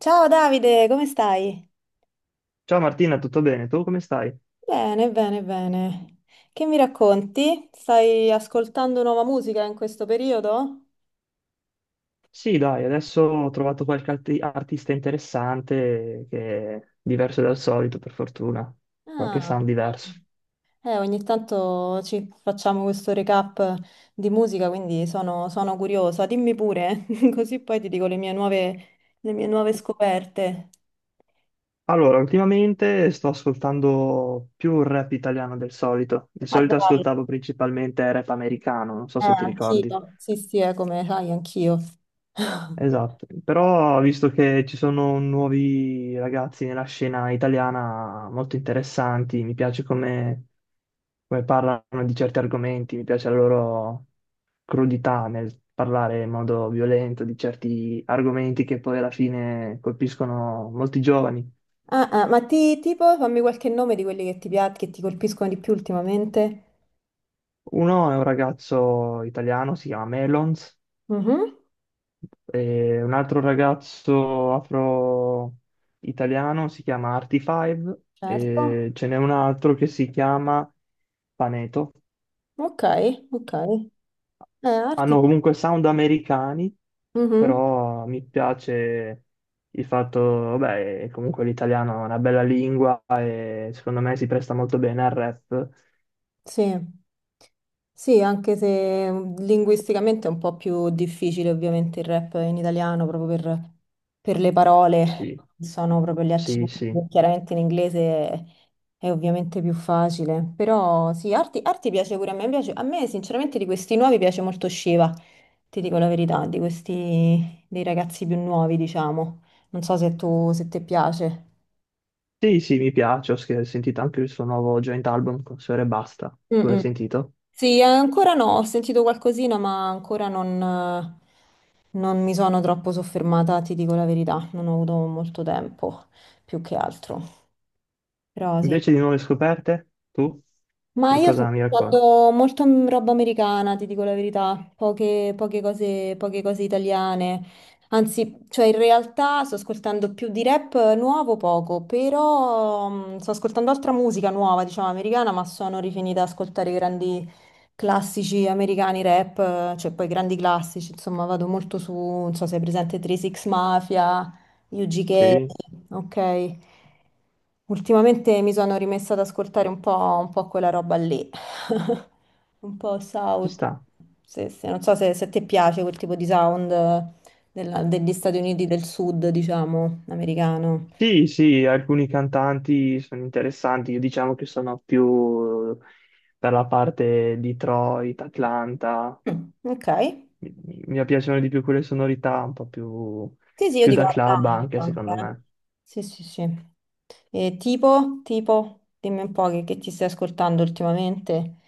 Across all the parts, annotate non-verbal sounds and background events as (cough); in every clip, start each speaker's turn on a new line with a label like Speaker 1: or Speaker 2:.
Speaker 1: Ciao Davide, come stai?
Speaker 2: Ciao Martina, tutto bene? Tu come stai?
Speaker 1: Bene, bene, bene. Che mi racconti? Stai ascoltando nuova musica in questo periodo?
Speaker 2: Sì, dai, adesso ho trovato qualche artista interessante che è diverso dal solito, per fortuna. Qualche
Speaker 1: Ah,
Speaker 2: sound diverso.
Speaker 1: ogni tanto ci facciamo questo recap di musica, quindi sono curiosa. Dimmi pure, (laughs) così poi ti dico le mie nuove scoperte.
Speaker 2: Allora, ultimamente sto ascoltando più rap italiano del solito. Di
Speaker 1: Ma
Speaker 2: solito
Speaker 1: dai,
Speaker 2: ascoltavo principalmente rap americano, non so se ti ricordi.
Speaker 1: anch'io. Sì, sì, è come sai, anch'io.
Speaker 2: Esatto, però visto che ci sono nuovi ragazzi nella scena italiana molto interessanti, mi piace come parlano di certi argomenti, mi piace la loro crudità nel parlare in modo violento di certi argomenti che poi alla fine colpiscono molti giovani.
Speaker 1: Ah, ah, ma tipo, fammi qualche nome di quelli che che ti colpiscono di più ultimamente.
Speaker 2: Uno è un ragazzo italiano, si chiama Melons,
Speaker 1: Mhm.
Speaker 2: e un altro ragazzo afro-italiano si chiama Artifive,
Speaker 1: Certo.
Speaker 2: e ce n'è un altro che si chiama Paneto.
Speaker 1: Ok, ok. Arti.
Speaker 2: Hanno comunque sound americani,
Speaker 1: Mhm.
Speaker 2: però mi piace il fatto, vabbè, comunque l'italiano è una bella lingua e secondo me si presta molto bene al rap.
Speaker 1: Sì. Sì, anche se linguisticamente è un po' più difficile, ovviamente il rap in italiano, proprio per le parole,
Speaker 2: Sì,
Speaker 1: sono proprio gli
Speaker 2: sì,
Speaker 1: accenti,
Speaker 2: sì.
Speaker 1: chiaramente in inglese è, è ovviamente più facile, però sì, arti, arti piace pure a me, piace, a me sinceramente di questi nuovi piace molto Shiva, ti dico la verità, di questi dei ragazzi più nuovi diciamo, non so se ti piace.
Speaker 2: Sì, sì, mi piace, ho sentito anche il suo nuovo joint album con Sfera e Basta.
Speaker 1: Mm,
Speaker 2: Tu l'hai
Speaker 1: mm.
Speaker 2: sentito?
Speaker 1: Sì, ancora no, ho sentito qualcosina, ma ancora non mi sono troppo soffermata, ti dico la verità, non ho avuto molto tempo, più che altro. Però sì.
Speaker 2: Invece di nuove scoperte, tu
Speaker 1: Ma
Speaker 2: di
Speaker 1: io sto
Speaker 2: cosa mi racconti?
Speaker 1: ascoltando molto roba americana, ti dico la verità, poche cose, poche cose italiane. Anzi, cioè in realtà sto ascoltando più di rap nuovo poco, però sto ascoltando altra musica nuova, diciamo americana, ma sono rifinita ad ascoltare i grandi classici americani rap, cioè poi grandi classici, insomma vado molto su, non so se è presente 3 Six Mafia, Yuji Gay,
Speaker 2: Sì,
Speaker 1: ok. Ultimamente mi sono rimessa ad ascoltare un po' quella roba lì, (laughs) un po'
Speaker 2: ci
Speaker 1: South.
Speaker 2: sta.
Speaker 1: Sì, sì, non so se ti piace quel tipo di sound degli Stati Uniti del Sud, diciamo, americano.
Speaker 2: Sì, sì, alcuni cantanti sono interessanti, io diciamo che sono più per la parte Detroit, Atlanta,
Speaker 1: Mm, ok.
Speaker 2: mi piacciono di più quelle sonorità un po' più,
Speaker 1: Sì, sì, io
Speaker 2: più
Speaker 1: dico
Speaker 2: da club anche
Speaker 1: Atlanta anche,
Speaker 2: secondo
Speaker 1: eh.
Speaker 2: me.
Speaker 1: Sì, sì, sì. E dimmi un po' che ti stai ascoltando ultimamente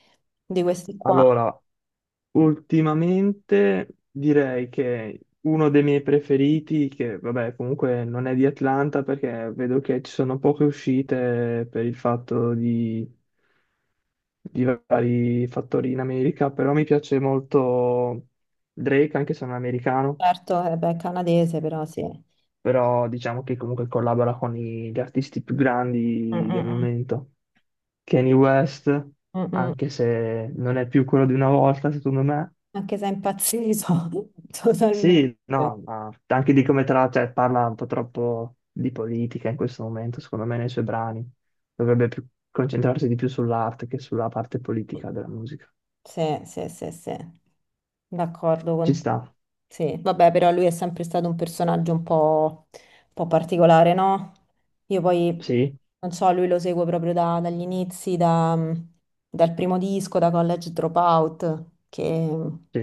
Speaker 1: di questi qua.
Speaker 2: Allora, ultimamente direi che uno dei miei preferiti, che vabbè comunque non è di Atlanta perché vedo che ci sono poche uscite per il fatto di vari fattori in America, però mi piace molto Drake, anche se non è americano,
Speaker 1: Certo, beh, canadese, però sì. Mm,
Speaker 2: però diciamo che comunque collabora con gli artisti più
Speaker 1: mm,
Speaker 2: grandi del
Speaker 1: mm.
Speaker 2: momento. Kanye West,
Speaker 1: Mm, mm.
Speaker 2: anche se non è più quello di una volta, secondo me.
Speaker 1: Anche se è impazzito (laughs) totalmente.
Speaker 2: Sì, no, ma anche di come cioè, parla un po' troppo di politica in questo momento, secondo me, nei suoi brani. Dovrebbe più concentrarsi di più sull'arte che sulla parte politica della musica.
Speaker 1: Sì, sì, sì, sì, d'accordo
Speaker 2: Ci
Speaker 1: con...
Speaker 2: sta,
Speaker 1: Sì, vabbè, però lui è sempre stato un personaggio un po' particolare, no? Io poi,
Speaker 2: sì,
Speaker 1: non so, lui lo seguo proprio dagli inizi, dal primo disco, da College Dropout, che,
Speaker 2: sì,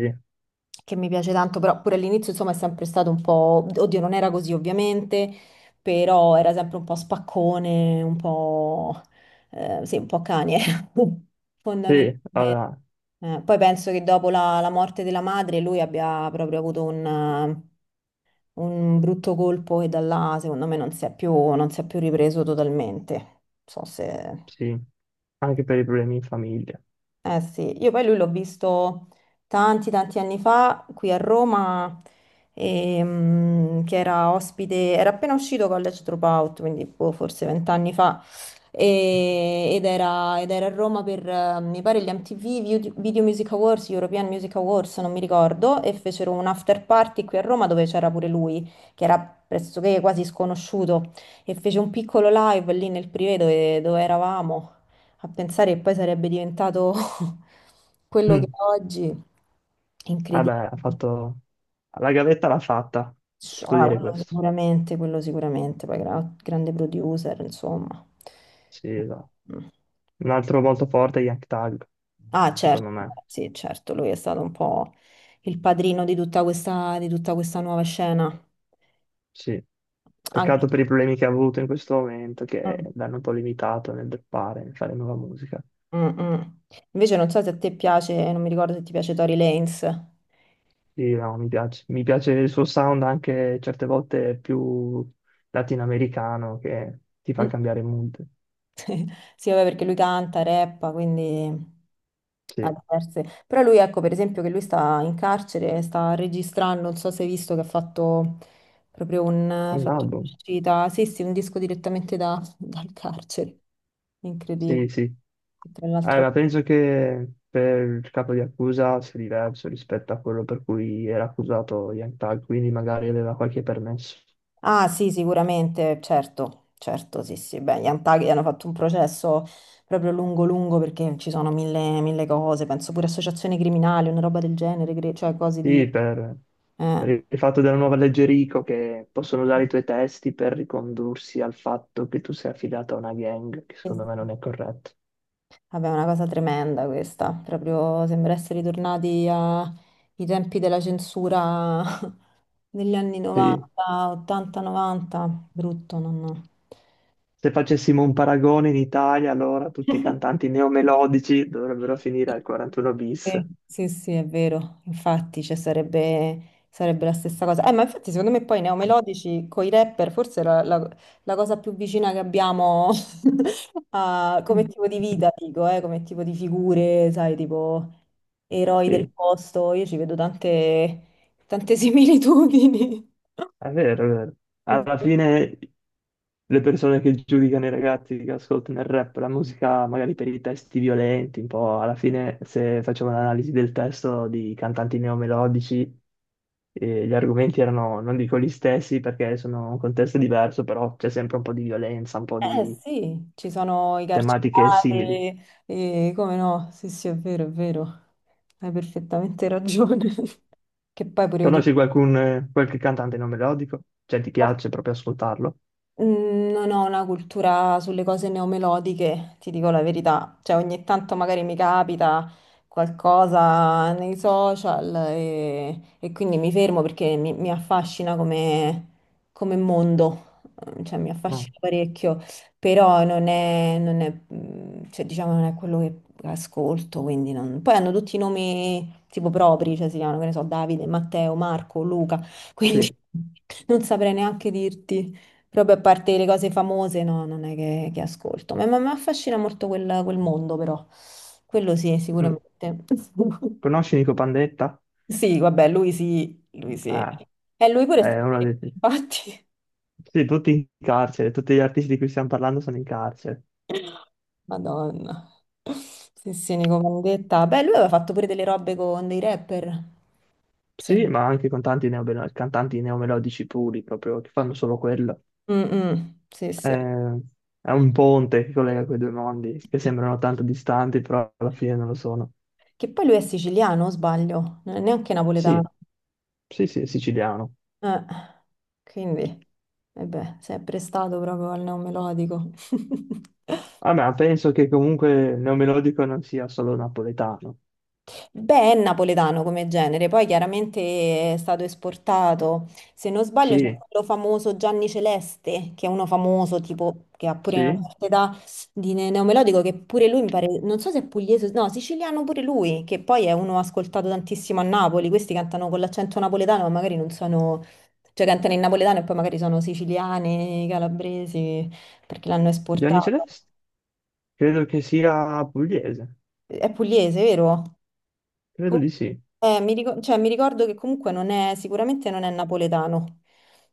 Speaker 1: che mi piace tanto, però pure all'inizio, insomma, è sempre stato un po'... Oddio, non era così, ovviamente, però era sempre un po' spaccone, un po'... Eh, sì, un po' Kanye, (laughs)
Speaker 2: sì,
Speaker 1: fondamentalmente.
Speaker 2: allora,
Speaker 1: Poi penso che dopo la morte della madre lui abbia proprio avuto un brutto colpo, e da là secondo me non si è più ripreso totalmente. Non so se...
Speaker 2: sì, anche per i problemi in famiglia.
Speaker 1: Eh sì, io poi lui l'ho visto tanti tanti anni fa qui a Roma, che era ospite, era appena uscito College Dropout, quindi boh, forse vent'anni fa, ed era a Roma per, mi pare, gli MTV Video Music Awards, European Music Awards, non mi ricordo, e fecero un after party qui a Roma dove c'era pure lui, che era pressoché quasi sconosciuto, e fece un piccolo live lì nel privé dove eravamo. A pensare che poi sarebbe diventato (laughs) quello che
Speaker 2: Mm.
Speaker 1: è oggi,
Speaker 2: Vabbè,
Speaker 1: incredibile.
Speaker 2: ha fatto... La gavetta l'ha fatta, si
Speaker 1: Cioè,
Speaker 2: può
Speaker 1: ah,
Speaker 2: dire questo.
Speaker 1: quello sicuramente, poi grande producer, insomma.
Speaker 2: Sì, esatto.
Speaker 1: Mm.
Speaker 2: Un altro molto forte è Young Thug,
Speaker 1: Ah, certo,
Speaker 2: secondo me.
Speaker 1: sì, certo, lui è stato un po' il padrino di tutta questa nuova scena.
Speaker 2: Sì.
Speaker 1: Anche...
Speaker 2: Peccato per i problemi che ha avuto in questo momento, che
Speaker 1: Mm,
Speaker 2: l'hanno un po' limitato nel fare nuova musica.
Speaker 1: mm. Mm. Invece non so se a te piace, non mi ricordo se ti piace Tory Lanez.
Speaker 2: Sì, no, mi piace. Mi piace il suo sound anche certe volte più latinoamericano, che ti fa
Speaker 1: Mm.
Speaker 2: cambiare mood.
Speaker 1: (laughs) Sì, vabbè, perché lui canta, rappa, quindi
Speaker 2: Sì,
Speaker 1: ha
Speaker 2: è
Speaker 1: diverse. Però lui, ecco, per esempio, che lui sta in carcere, sta registrando, non so se hai visto che ha
Speaker 2: un
Speaker 1: fatto
Speaker 2: album.
Speaker 1: un'uscita, sì, sì, un disco direttamente (laughs) dal carcere. Incredibile.
Speaker 2: Sì, sì.
Speaker 1: Tra l'altro...
Speaker 2: Allora, penso che per il capo di accusa sia diverso rispetto a quello per cui era accusato Young Thug, quindi magari aveva qualche permesso.
Speaker 1: Ah sì, sicuramente, certo, certo, sì, sì. Beh, gli Antaghi hanno fatto un processo proprio lungo, lungo perché ci sono mille, mille cose, penso pure associazioni criminali, una roba del genere, cioè cose di...
Speaker 2: Sì, per
Speaker 1: Eh.
Speaker 2: il fatto della nuova legge Rico che possono usare i tuoi testi per ricondursi al fatto che tu sei affidato a una gang, che
Speaker 1: Sì,
Speaker 2: secondo me
Speaker 1: sì.
Speaker 2: non è corretto.
Speaker 1: Vabbè, è una cosa tremenda questa, proprio sembra essere ritornati ai tempi della censura (laughs) degli anni
Speaker 2: Sì.
Speaker 1: 90, 80, 90, brutto, non...
Speaker 2: Se facessimo un paragone in Italia, allora tutti i cantanti neomelodici dovrebbero finire al 41 bis.
Speaker 1: Sì, sì, sì, è vero, infatti, cioè, sarebbe la stessa cosa. Ma infatti secondo me poi neomelodici con i rapper forse è la cosa più vicina che abbiamo (laughs) come
Speaker 2: Mm.
Speaker 1: tipo di
Speaker 2: (laughs)
Speaker 1: vita, dico, come tipo di figure, sai, tipo eroi del
Speaker 2: Sì.
Speaker 1: posto, io ci vedo tante, tante (laughs) similitudini.
Speaker 2: È vero, è vero.
Speaker 1: Non
Speaker 2: Alla
Speaker 1: so.
Speaker 2: fine le persone che giudicano i ragazzi che ascoltano il rap, la musica magari per i testi violenti, un po' alla fine se facevo un'analisi del testo di cantanti neomelodici, gli argomenti erano, non dico gli stessi perché sono un contesto diverso, però c'è sempre un po' di violenza, un po'
Speaker 1: Eh
Speaker 2: di
Speaker 1: sì, ci sono i
Speaker 2: tematiche simili.
Speaker 1: carcerati, e come no, sì, sì, è vero, hai perfettamente ragione. (laughs) Che poi pure io.
Speaker 2: Conosci qualche cantante non melodico? Cioè ti piace proprio ascoltarlo?
Speaker 1: Non ho una cultura sulle cose neomelodiche, ti dico la verità. Cioè, ogni tanto magari mi capita qualcosa nei social e quindi mi fermo perché mi affascina come mondo, mm, cioè mi
Speaker 2: No.
Speaker 1: affascina parecchio, però non è, cioè, diciamo, non è quello che ascolto, quindi poi hanno tutti i nomi tipo propri, cioè si chiamano, che ne so, Davide, Matteo, Marco, Luca, quindi
Speaker 2: Sì.
Speaker 1: (laughs) non saprei neanche dirti. Proprio a parte le cose famose, no, non è che ascolto. Ma mi affascina molto quel mondo, però. Quello sì,
Speaker 2: Mm.
Speaker 1: sicuramente. (laughs)
Speaker 2: Conosci Nico Pandetta?
Speaker 1: Sì, vabbè, lui sì, lui sì.
Speaker 2: Ah.
Speaker 1: E lui pure è stato...
Speaker 2: Uno ha
Speaker 1: (laughs)
Speaker 2: detto,
Speaker 1: Infatti...
Speaker 2: sì, tutti in carcere, tutti gli artisti di cui stiamo parlando sono in carcere.
Speaker 1: Madonna. Sì, sì, Nico Vandetta. Beh, lui aveva fatto pure delle robe con dei rapper. Se
Speaker 2: Sì,
Speaker 1: non-
Speaker 2: ma anche cantanti cantanti neomelodici puri, proprio, che fanno solo quello.
Speaker 1: Mm, mm, sì, sì.
Speaker 2: Eh, è un ponte che collega quei due mondi, che sembrano tanto distanti, però alla fine non lo sono.
Speaker 1: Che poi lui è siciliano, o sbaglio? Non è neanche
Speaker 2: Sì,
Speaker 1: napoletano.
Speaker 2: sì, sì, è siciliano.
Speaker 1: Eh, quindi, eh beh, si è prestato proprio al neomelodico. (laughs)
Speaker 2: Ah, ma penso che comunque neomelodico non sia solo napoletano.
Speaker 1: Beh, è napoletano come genere, poi chiaramente è stato esportato. Se non sbaglio, c'è
Speaker 2: Sì,
Speaker 1: quello famoso Gianni Celeste, che è uno famoso, tipo, che ha pure una
Speaker 2: sì.
Speaker 1: certa età di neomelodico, che pure lui mi pare, non so se è pugliese, no, siciliano pure lui, che poi è uno ascoltato tantissimo a Napoli. Questi cantano con l'accento napoletano, ma magari non sono, cioè cantano in napoletano e poi magari sono siciliani, calabresi, perché l'hanno
Speaker 2: Gianni
Speaker 1: esportato.
Speaker 2: Celeste? Credo che sia pugliese.
Speaker 1: È pugliese, vero?
Speaker 2: Credo di sì.
Speaker 1: Cioè, mi ricordo che comunque non è, sicuramente non è napoletano,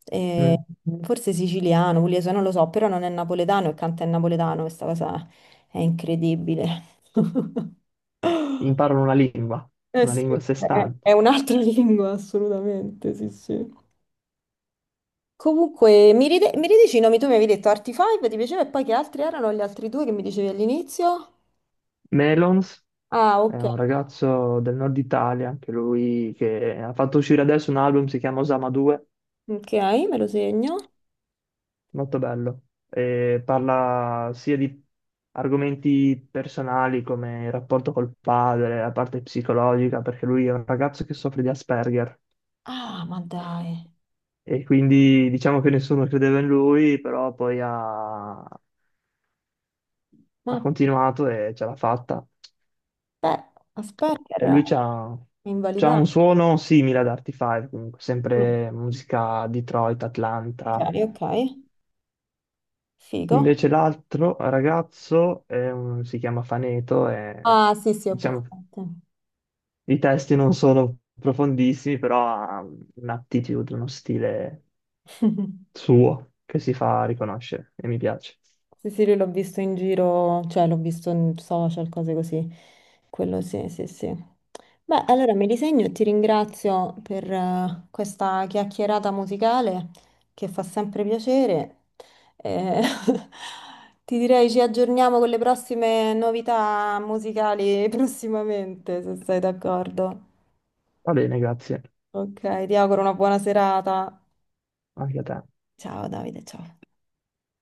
Speaker 1: Eh,
Speaker 2: Mm.
Speaker 1: forse siciliano, pugliese, non lo so, però non è napoletano e canta in napoletano, questa cosa è incredibile. (laughs)
Speaker 2: Imparano
Speaker 1: Eh
Speaker 2: una lingua
Speaker 1: sì,
Speaker 2: a sé
Speaker 1: è,
Speaker 2: stante.
Speaker 1: è un'altra (laughs) lingua, assolutamente, sì, sì. Comunque, mi ridici i nomi, tu mi avevi detto Artifive, ti piaceva, e poi che altri erano gli altri due che mi dicevi all'inizio?
Speaker 2: Melons
Speaker 1: Ah,
Speaker 2: è
Speaker 1: ok,
Speaker 2: un ragazzo del nord Italia, anche lui che ha fatto uscire adesso un album, si chiama Osama 2,
Speaker 1: ok, me lo segno.
Speaker 2: molto bello, e parla sia di argomenti personali come il rapporto col padre, la parte psicologica, perché lui è un ragazzo che soffre di Asperger
Speaker 1: Ah, ma dai,
Speaker 2: e quindi diciamo che nessuno credeva in lui, però poi ha
Speaker 1: ma
Speaker 2: continuato e ce l'ha fatta.
Speaker 1: aspetta,
Speaker 2: E
Speaker 1: era
Speaker 2: lui c'ha
Speaker 1: invalidato.
Speaker 2: un suono simile ad Artie 5, comunque, sempre musica Detroit, Atlanta.
Speaker 1: Ok, ok, figo.
Speaker 2: Invece l'altro ragazzo è si chiama Faneto e
Speaker 1: Ah, sì, sì, ho
Speaker 2: diciamo
Speaker 1: presente.
Speaker 2: i testi non sono profondissimi, però ha un'attitude, uno stile
Speaker 1: (laughs)
Speaker 2: suo che si fa riconoscere e mi piace.
Speaker 1: Sì, sì, lui l'ho visto in giro, cioè l'ho visto in social, cose così. Quello sì, sì, sì. Beh, allora mi disegno e ti ringrazio per questa chiacchierata musicale che fa sempre piacere. Eh, (laughs) ti direi ci aggiorniamo con le prossime novità musicali (laughs) prossimamente, se sei d'accordo.
Speaker 2: Va bene, grazie.
Speaker 1: Ok, ti auguro una buona serata.
Speaker 2: Anche a te.
Speaker 1: Ciao Davide, ciao.